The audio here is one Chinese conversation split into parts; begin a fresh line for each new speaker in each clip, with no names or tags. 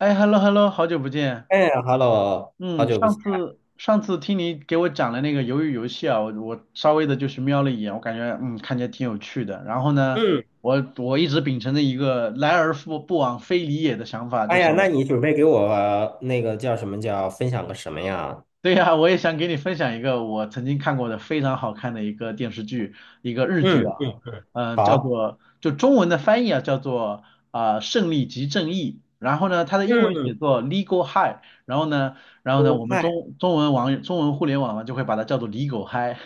哎，hello hello，好久不见。
哎，Hello，好
嗯，
久不
上
见。
次上次听你给我讲了那个鱿鱼游戏啊，我稍微的就是瞄了一眼，我感觉嗯看起来挺有趣的。然后呢，
嗯。
我一直秉承着一个来而复不往非礼也的想法，就
哎
是。
呀，那你准备给我那个叫什么叫分享个什么呀？
对呀，我也想给你分享一个我曾经看过的非常好看的一个电视剧，一个日剧
嗯
啊，
嗯嗯。
嗯、叫
好。
做就中文的翻译啊，叫做啊、胜利即正义》，然后呢，它的英文写
嗯。
作 Legal High，然后呢，然后呢，
狗
我们
嗨。
中文网中文互联网呢就会把它叫做 Legal High，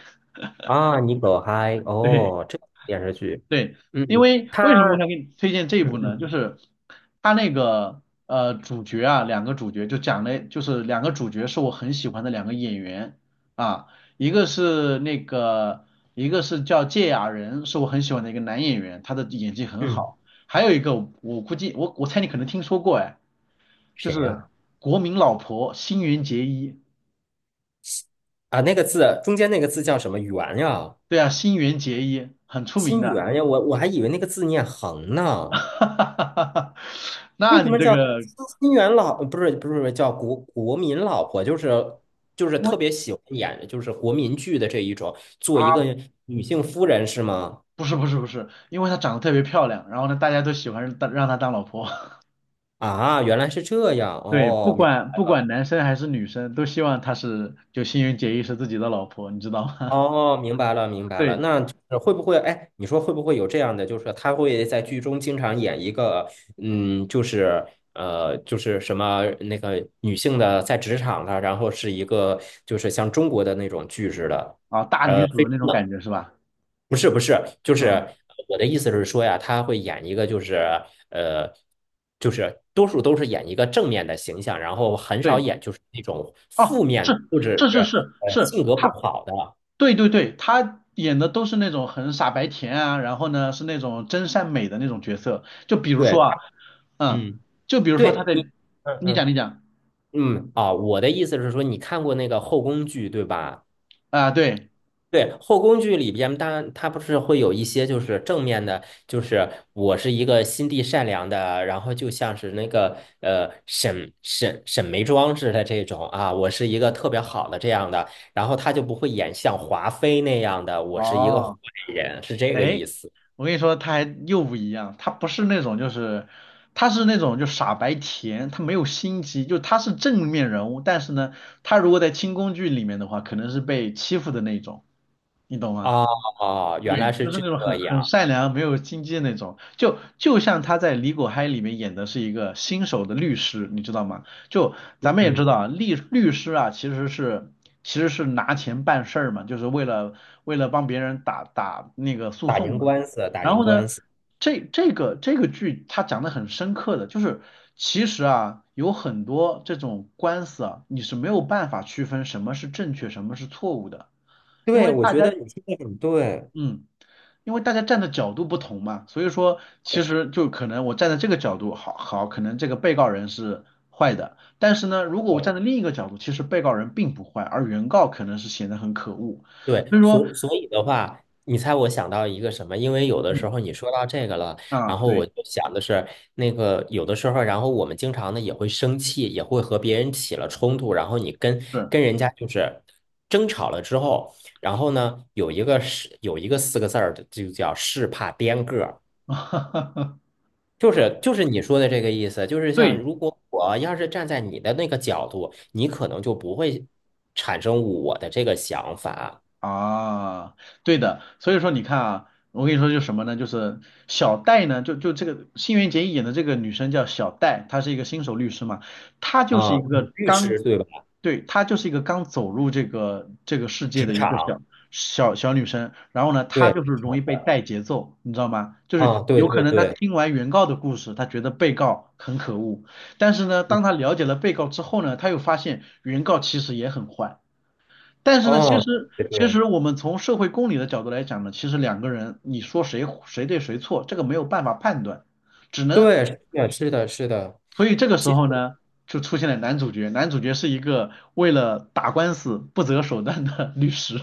啊，你狗嗨
对。
哦，这个电视剧。
对，
嗯。
因为
他。
为什么我想给你推荐这一
嗯
部呢？
嗯
就是他那个主角啊，两个主角就讲了，就是两个主角是我很喜欢的两个演员啊，一个是那个一个是叫芥雅人，是我很喜欢的一个男演员，他的演技很
嗯。
好。还有一个我估计我猜你可能听说过哎，就
谁
是
呀？
国民老婆新垣结衣，
啊，那个字中间那个字叫什么？圆呀。
对啊，新垣结衣很出名
心
的，
圆呀，我还以为那个字念横
哈
呢。
哈哈哈哈
为
那
什
你
么
这
叫
个
新元老？不是不是不是叫国民老婆？就是
因为。
特别喜欢演就是国民剧的这一种，做一个
啊，
女性夫人是吗？
不是，因为她长得特别漂亮，然后呢，大家都喜欢当让她当老婆。
啊，原来是这样
对，不
哦，
管不管男生还是女生，都希望她是就新垣结衣是自己的老婆，你知道吗？
哦，明白了明白了。
对
那就是会不会？哎，你说会不会有这样的，就是他会在剧中经常演一个，就是就是什么那个女性的在职场的，然后是一个，就是像中国的那种剧似的。
啊，大女主
非
的那
常
种感觉是吧？
不是不是，就是
嗯，
我的意思是说呀，他会演一个就是呃，就是多数都是演一个正面的形象，然后很少
对，
演就是那种负
哦，
面
是
或者是
是是是是，
性格
她，
不好的。
对对对，她演的都是那种很傻白甜啊，然后呢是那种真善美的那种角色，就比如
对。
说啊，
他。
嗯，
嗯。
就比如说她
对
的，
你。嗯
你讲你
嗯
讲
嗯。啊，我的意思是说，你看过那个后宫剧对吧？
啊，对，
对，后宫剧里边，当然它不是会有一些就是正面的，就是我是一个心地善良的，然后就像是那个沈眉庄似的这种。啊，我是一个特别好的这样的，然后他就不会演像华妃那样的，我是一个坏
哦，
人，是这个
哎。
意思。
我跟你说，他还又不一样，他不是那种就是，他是那种就傻白甜，他没有心机，就他是正面人物，但是呢，他如果在清宫剧里面的话，可能是被欺负的那种，你懂吗？
哦哦，原来
对，
是
就是
这
那种很
样。
善良、没有心机的那种，就像他在《李果嗨》里面演的是一个新手的律师，你知道吗？就咱们也知
嗯。
道啊，律师啊，其实是其实是拿钱办事儿嘛，就是为了为了帮别人打那个诉
打
讼
赢
嘛。
官司，打
然
赢
后呢，
官司。
这个剧它讲的很深刻的，就是其实啊，有很多这种官司啊，你是没有办法区分什么是正确，什么是错误的，因
对，
为
我
大
觉得
家
你说的很对。
嗯，因为大家站的角度不同嘛，所以说其
对
实就可能我站在这个角度好，可能这个被告人是坏的，但是呢，如果我站在另一个角度，其实被告人并不坏，而原告可能是显得很可恶，
对，
所以说，
所以的话，你猜我想到一个什么？因为有的时
嗯
候你说到这个了，
啊，
然后
对，
我就想的是，那个有的时候，然后我们经常呢也会生气，也会和别人起了冲突，然后你跟
是，
跟人家就是争吵了之后，然后呢有一个是有一个四个字儿的，就叫是怕颠个儿，就是你说的这个意思，就是像
对，
如果我要是站在你的那个角度，你可能就不会产生我的这个想法。
啊，对的，所以说你看啊，我跟你说就是什么呢？就是小戴呢，就这个新垣结衣演的这个女生叫小戴，她是一个新手律师嘛，她就是
啊，
一
你
个
律
刚，
师对吧？
对，她就是一个刚走入这个世界
职
的一个小
场。
小女生，然后呢，她
对，
就是容
好
易被
的。
带节奏，你知道吗？就是
啊，对
有可
对
能她
对。
听完原告的故事，她觉得被告很可恶，但是呢，
嗯。
当她了解了被告之后呢，她又发现原告其实也很坏。但是呢，其
哦，
实
对
其
对。
实我们从社会公理的角度来讲呢，其实两个人你说谁对谁错，这个没有办法判断，只能
对，是的，是的，是的。
所以这个时
其实
候呢，就出现了男主角，男主角是一个为了打官司不择手段的 律师，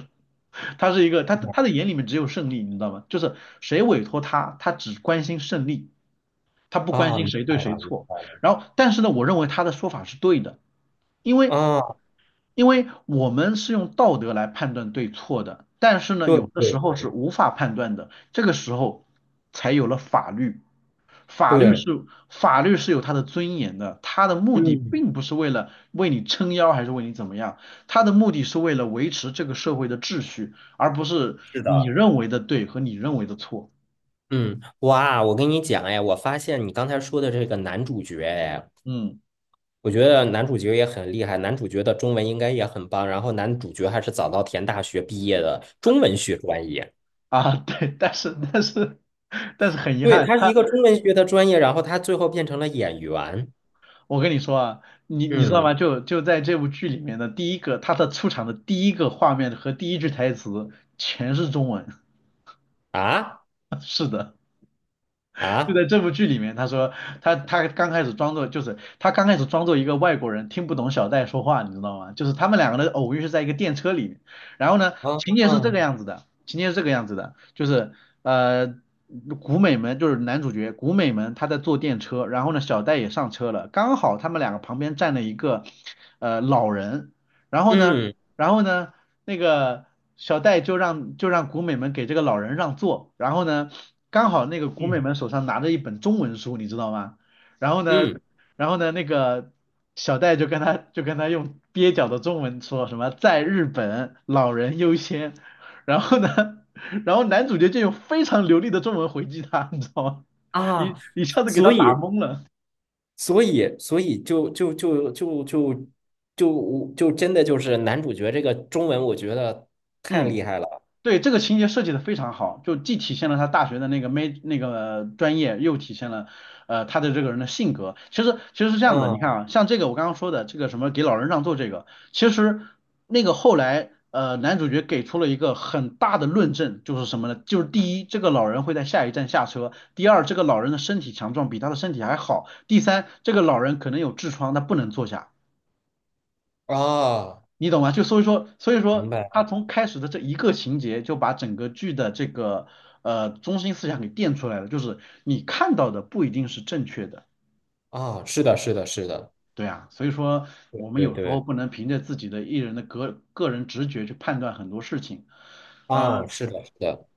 他是一个他的眼里面只有胜利，你知道吗？就是谁委托他，他只关心胜利，他不关
啊，
心
明
谁
白
对谁
了，明
错。
白了。
然后，但是呢，我认为他的说法是对的，因为
啊，
因为我们是用道德来判断对错的，但是呢，
对
有的
对
时候是
对
无法判断的，这个时候才有了法律。法律嗯
对。
是法律是有它的尊严的，它的目的
嗯，
并不是为了为你撑腰还是为你怎么样，它的目的是为了维持这个社会的秩序，而不是
是的。
你认为的对和你认为的错。
嗯，哇，我跟你讲，哎，我发现你刚才说的这个男主角，哎，
嗯
我觉得男主角也很厉害，男主角的中文应该也很棒，然后男主角还是早稻田大学毕业的中文学专业。
啊，对，但是但是很遗
对，
憾，
他是
它
一个中文学的专业，然后他最后变成了演员。
我跟你说啊，你你知道
嗯。
吗？就在这部剧里面的第一个，他的出场的第一个画面和第一句台词全是中文。
啊。
是的。就
啊
在这部剧里面，他说他刚开始装作就是他刚开始装作一个外国人听不懂小戴说话，你知道吗？就是他们两个的偶遇是在一个电车里面，然后呢，情
啊。
节是这个样子的，情节是这个样子的，就是呃。古美门就是男主角古美门，他在坐电车，然后呢，小戴也上车了，刚好他们两个旁边站了一个老人，然后呢，
嗯
然后呢，那个小戴就让古美们给这个老人让座，然后呢，刚好那个古美
嗯
们手上拿着一本中文书，你知道吗？然后呢，
嗯。
然后呢，那个小戴就跟他用蹩脚的中文说什么在日本老人优先，然后呢，然后男主角就用非常流利的中文回击他，你知道吗？
啊，
一下子给他
所嗯
打
以
懵了，
所以就真的就是男主角这个中文，我觉得太
嗯。
厉害了。
对，这个情节设计的非常好，就既体现了他大学的那个没那个专业，又体现了他的这个人的性格。其实是这样子，你看
嗯。
啊，像这个我刚刚说的这个什么给老人让座这个，其实那个后来男主角给出了一个很大的论证，就是什么呢？就是第一，这个老人会在下一站下车；第二，这个老人的身体强壮，比他的身体还好；第三，这个老人可能有痔疮，他不能坐下。
啊！
你懂吗？就所以说，所以
明
说
白。
他从开始的这一个情节就把整个剧的这个中心思想给垫出来了，就是你看到的不一定是正确的，
啊，是的，是的，是的。
对啊，所以说我们
对
有时候
对。
不能凭着自己的艺人的个人直觉去判断很多事情，
啊，
呃，
是的，是的。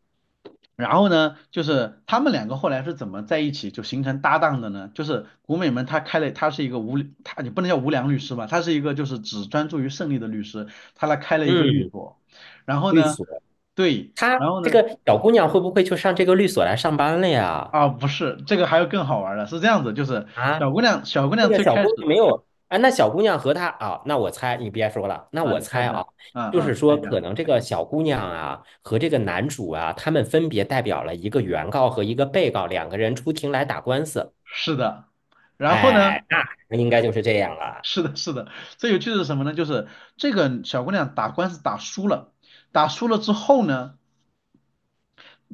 然后呢，就是他们两个后来是怎么在一起就形成搭档的呢？就是古美门他开了，他是一个无，他你不能叫无良律师吧，他是一个就是只专注于胜利的律师，他来开了一个律
嗯。
所。然后
律
呢，
所。
对，
她
然后
这
呢，
个小姑娘会不会就上这个律所来上班了呀？
啊不是，这个还有更好玩儿的，是这样子，就是
啊？
小姑
那
娘
个
最
小
开
姑娘
始
没有，哎，那小姑娘和她啊，那我猜你别说了，那
啊，
我
你猜
猜
一
啊，
下，啊
就是
啊，猜
说
一
可
下，
能这个小姑娘啊和这个男主啊，他们分别代表了一个原告和一个被告两个人出庭来打官司。
是的。然后呢，
哎，那应该就是这样了。
是的，最有趣的是什么呢？就是这个小姑娘打官司打输了，打输了之后呢。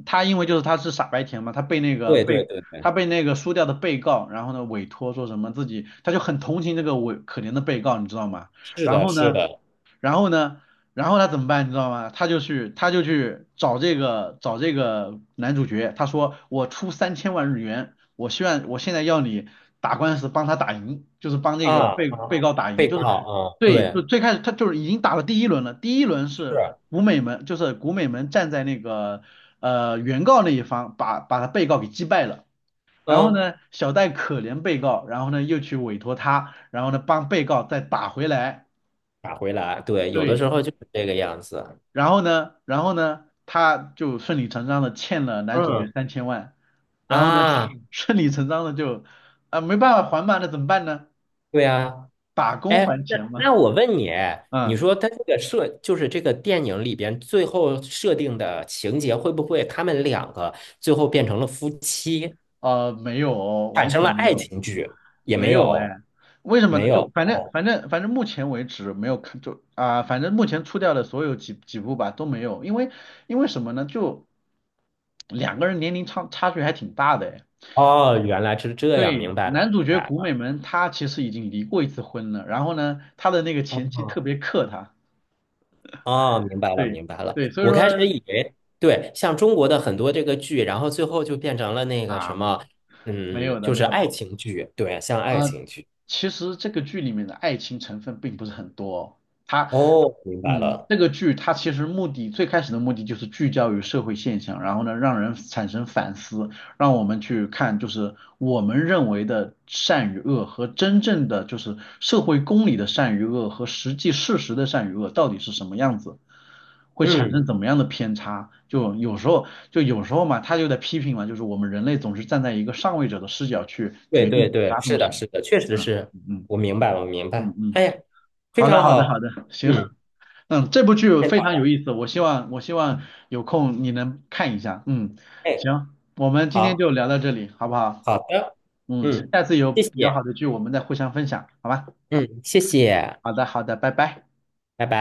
他因为就是他是傻白甜嘛，
对对对
他
对，
被那个输掉的被告，然后呢委托说什么自己，他就很同情这个可怜的被告，你知道吗？
是
然
的，
后
是
呢，
的。
然后呢，然后他怎么办，你知道吗？他就去找这个男主角，他说我出3000万日元，我希望我现在要你打官司帮他打赢，就是帮这
啊
个
啊，
被
啊，
告打赢，
被
就
告
是。
啊。
对，就
对。
最开始他就是已经打了第一轮了，第一轮是
是。
古美门，就是古美门站在那个原告那一方把他被告给击败了，然后
嗯。
呢小戴可怜被告，然后呢又去委托他，然后呢帮被告再打回来，
打回来。对，有的
对，
时候就是这个样子。
然后呢他就顺理成章的欠了男主角
嗯。
三千万，然后呢
啊，
顺理成章的就啊、没办法还嘛，那怎么办呢？
对呀。
打工
哎，
还
那
钱嘛，
那我问你，你
嗯。
说他这个就是这个电影里边最后设定的情节，会不会他们两个最后变成了夫妻，
没有哦，
产
完
生
全
了
没
爱
有，
情剧？也
没
没
有
有，
哎，为什么
没
呢？
有。
就反正
哦，
反正反正目前为止没有看，就啊、反正目前出掉的所有几部吧都没有，因为因为什么呢？就两个人年龄差距还挺大的哎。
哦，原来是这样，
对，
明白了，
男
明
主角
白
古美
了。
门他其实已经离过一次婚了，然后呢，他的那个前妻特
哦，
别克他，
哦，明白了，
对
明白了。
对，所以
我
说
开始以为，对，像中国的很多这个剧，然后最后就变成了那个
啊，
什么，就
没
是
有的
爱情剧。对，像爱
啊。
情剧。
其实这个剧里面的爱情成分并不是很多哦，他。
哦，明白
嗯，
了。
这个剧它其实最开始的目的就是聚焦于社会现象，然后呢，让人产生反思，让我们去看就是我们认为的善与恶和真正的就是社会公理的善与恶和实际事实的善与恶到底是什么样子，会产生
嗯。
怎么样的偏差。就有时候嘛，他就在批评嘛，就是我们人类总是站在一个上位者的视角去
对
决定
对
其
对，
他东
是
西。
的，是的，确实
嗯
是。
嗯嗯
我明白我明白。
嗯。
哎
嗯
呀，非
好的，
常
好的，好
好。
的，行，
嗯，
嗯，这部剧
太
非
好
常有
了。
意思，我希望有空你能看一下，嗯，
哎，
行，我们今天
好
就聊到这里，好不好？
好的。
嗯，
嗯，
下次有
谢
比较好
谢。
的剧我们再互相分享，好吧？
嗯，谢谢。
好的，好的，拜拜。
拜拜。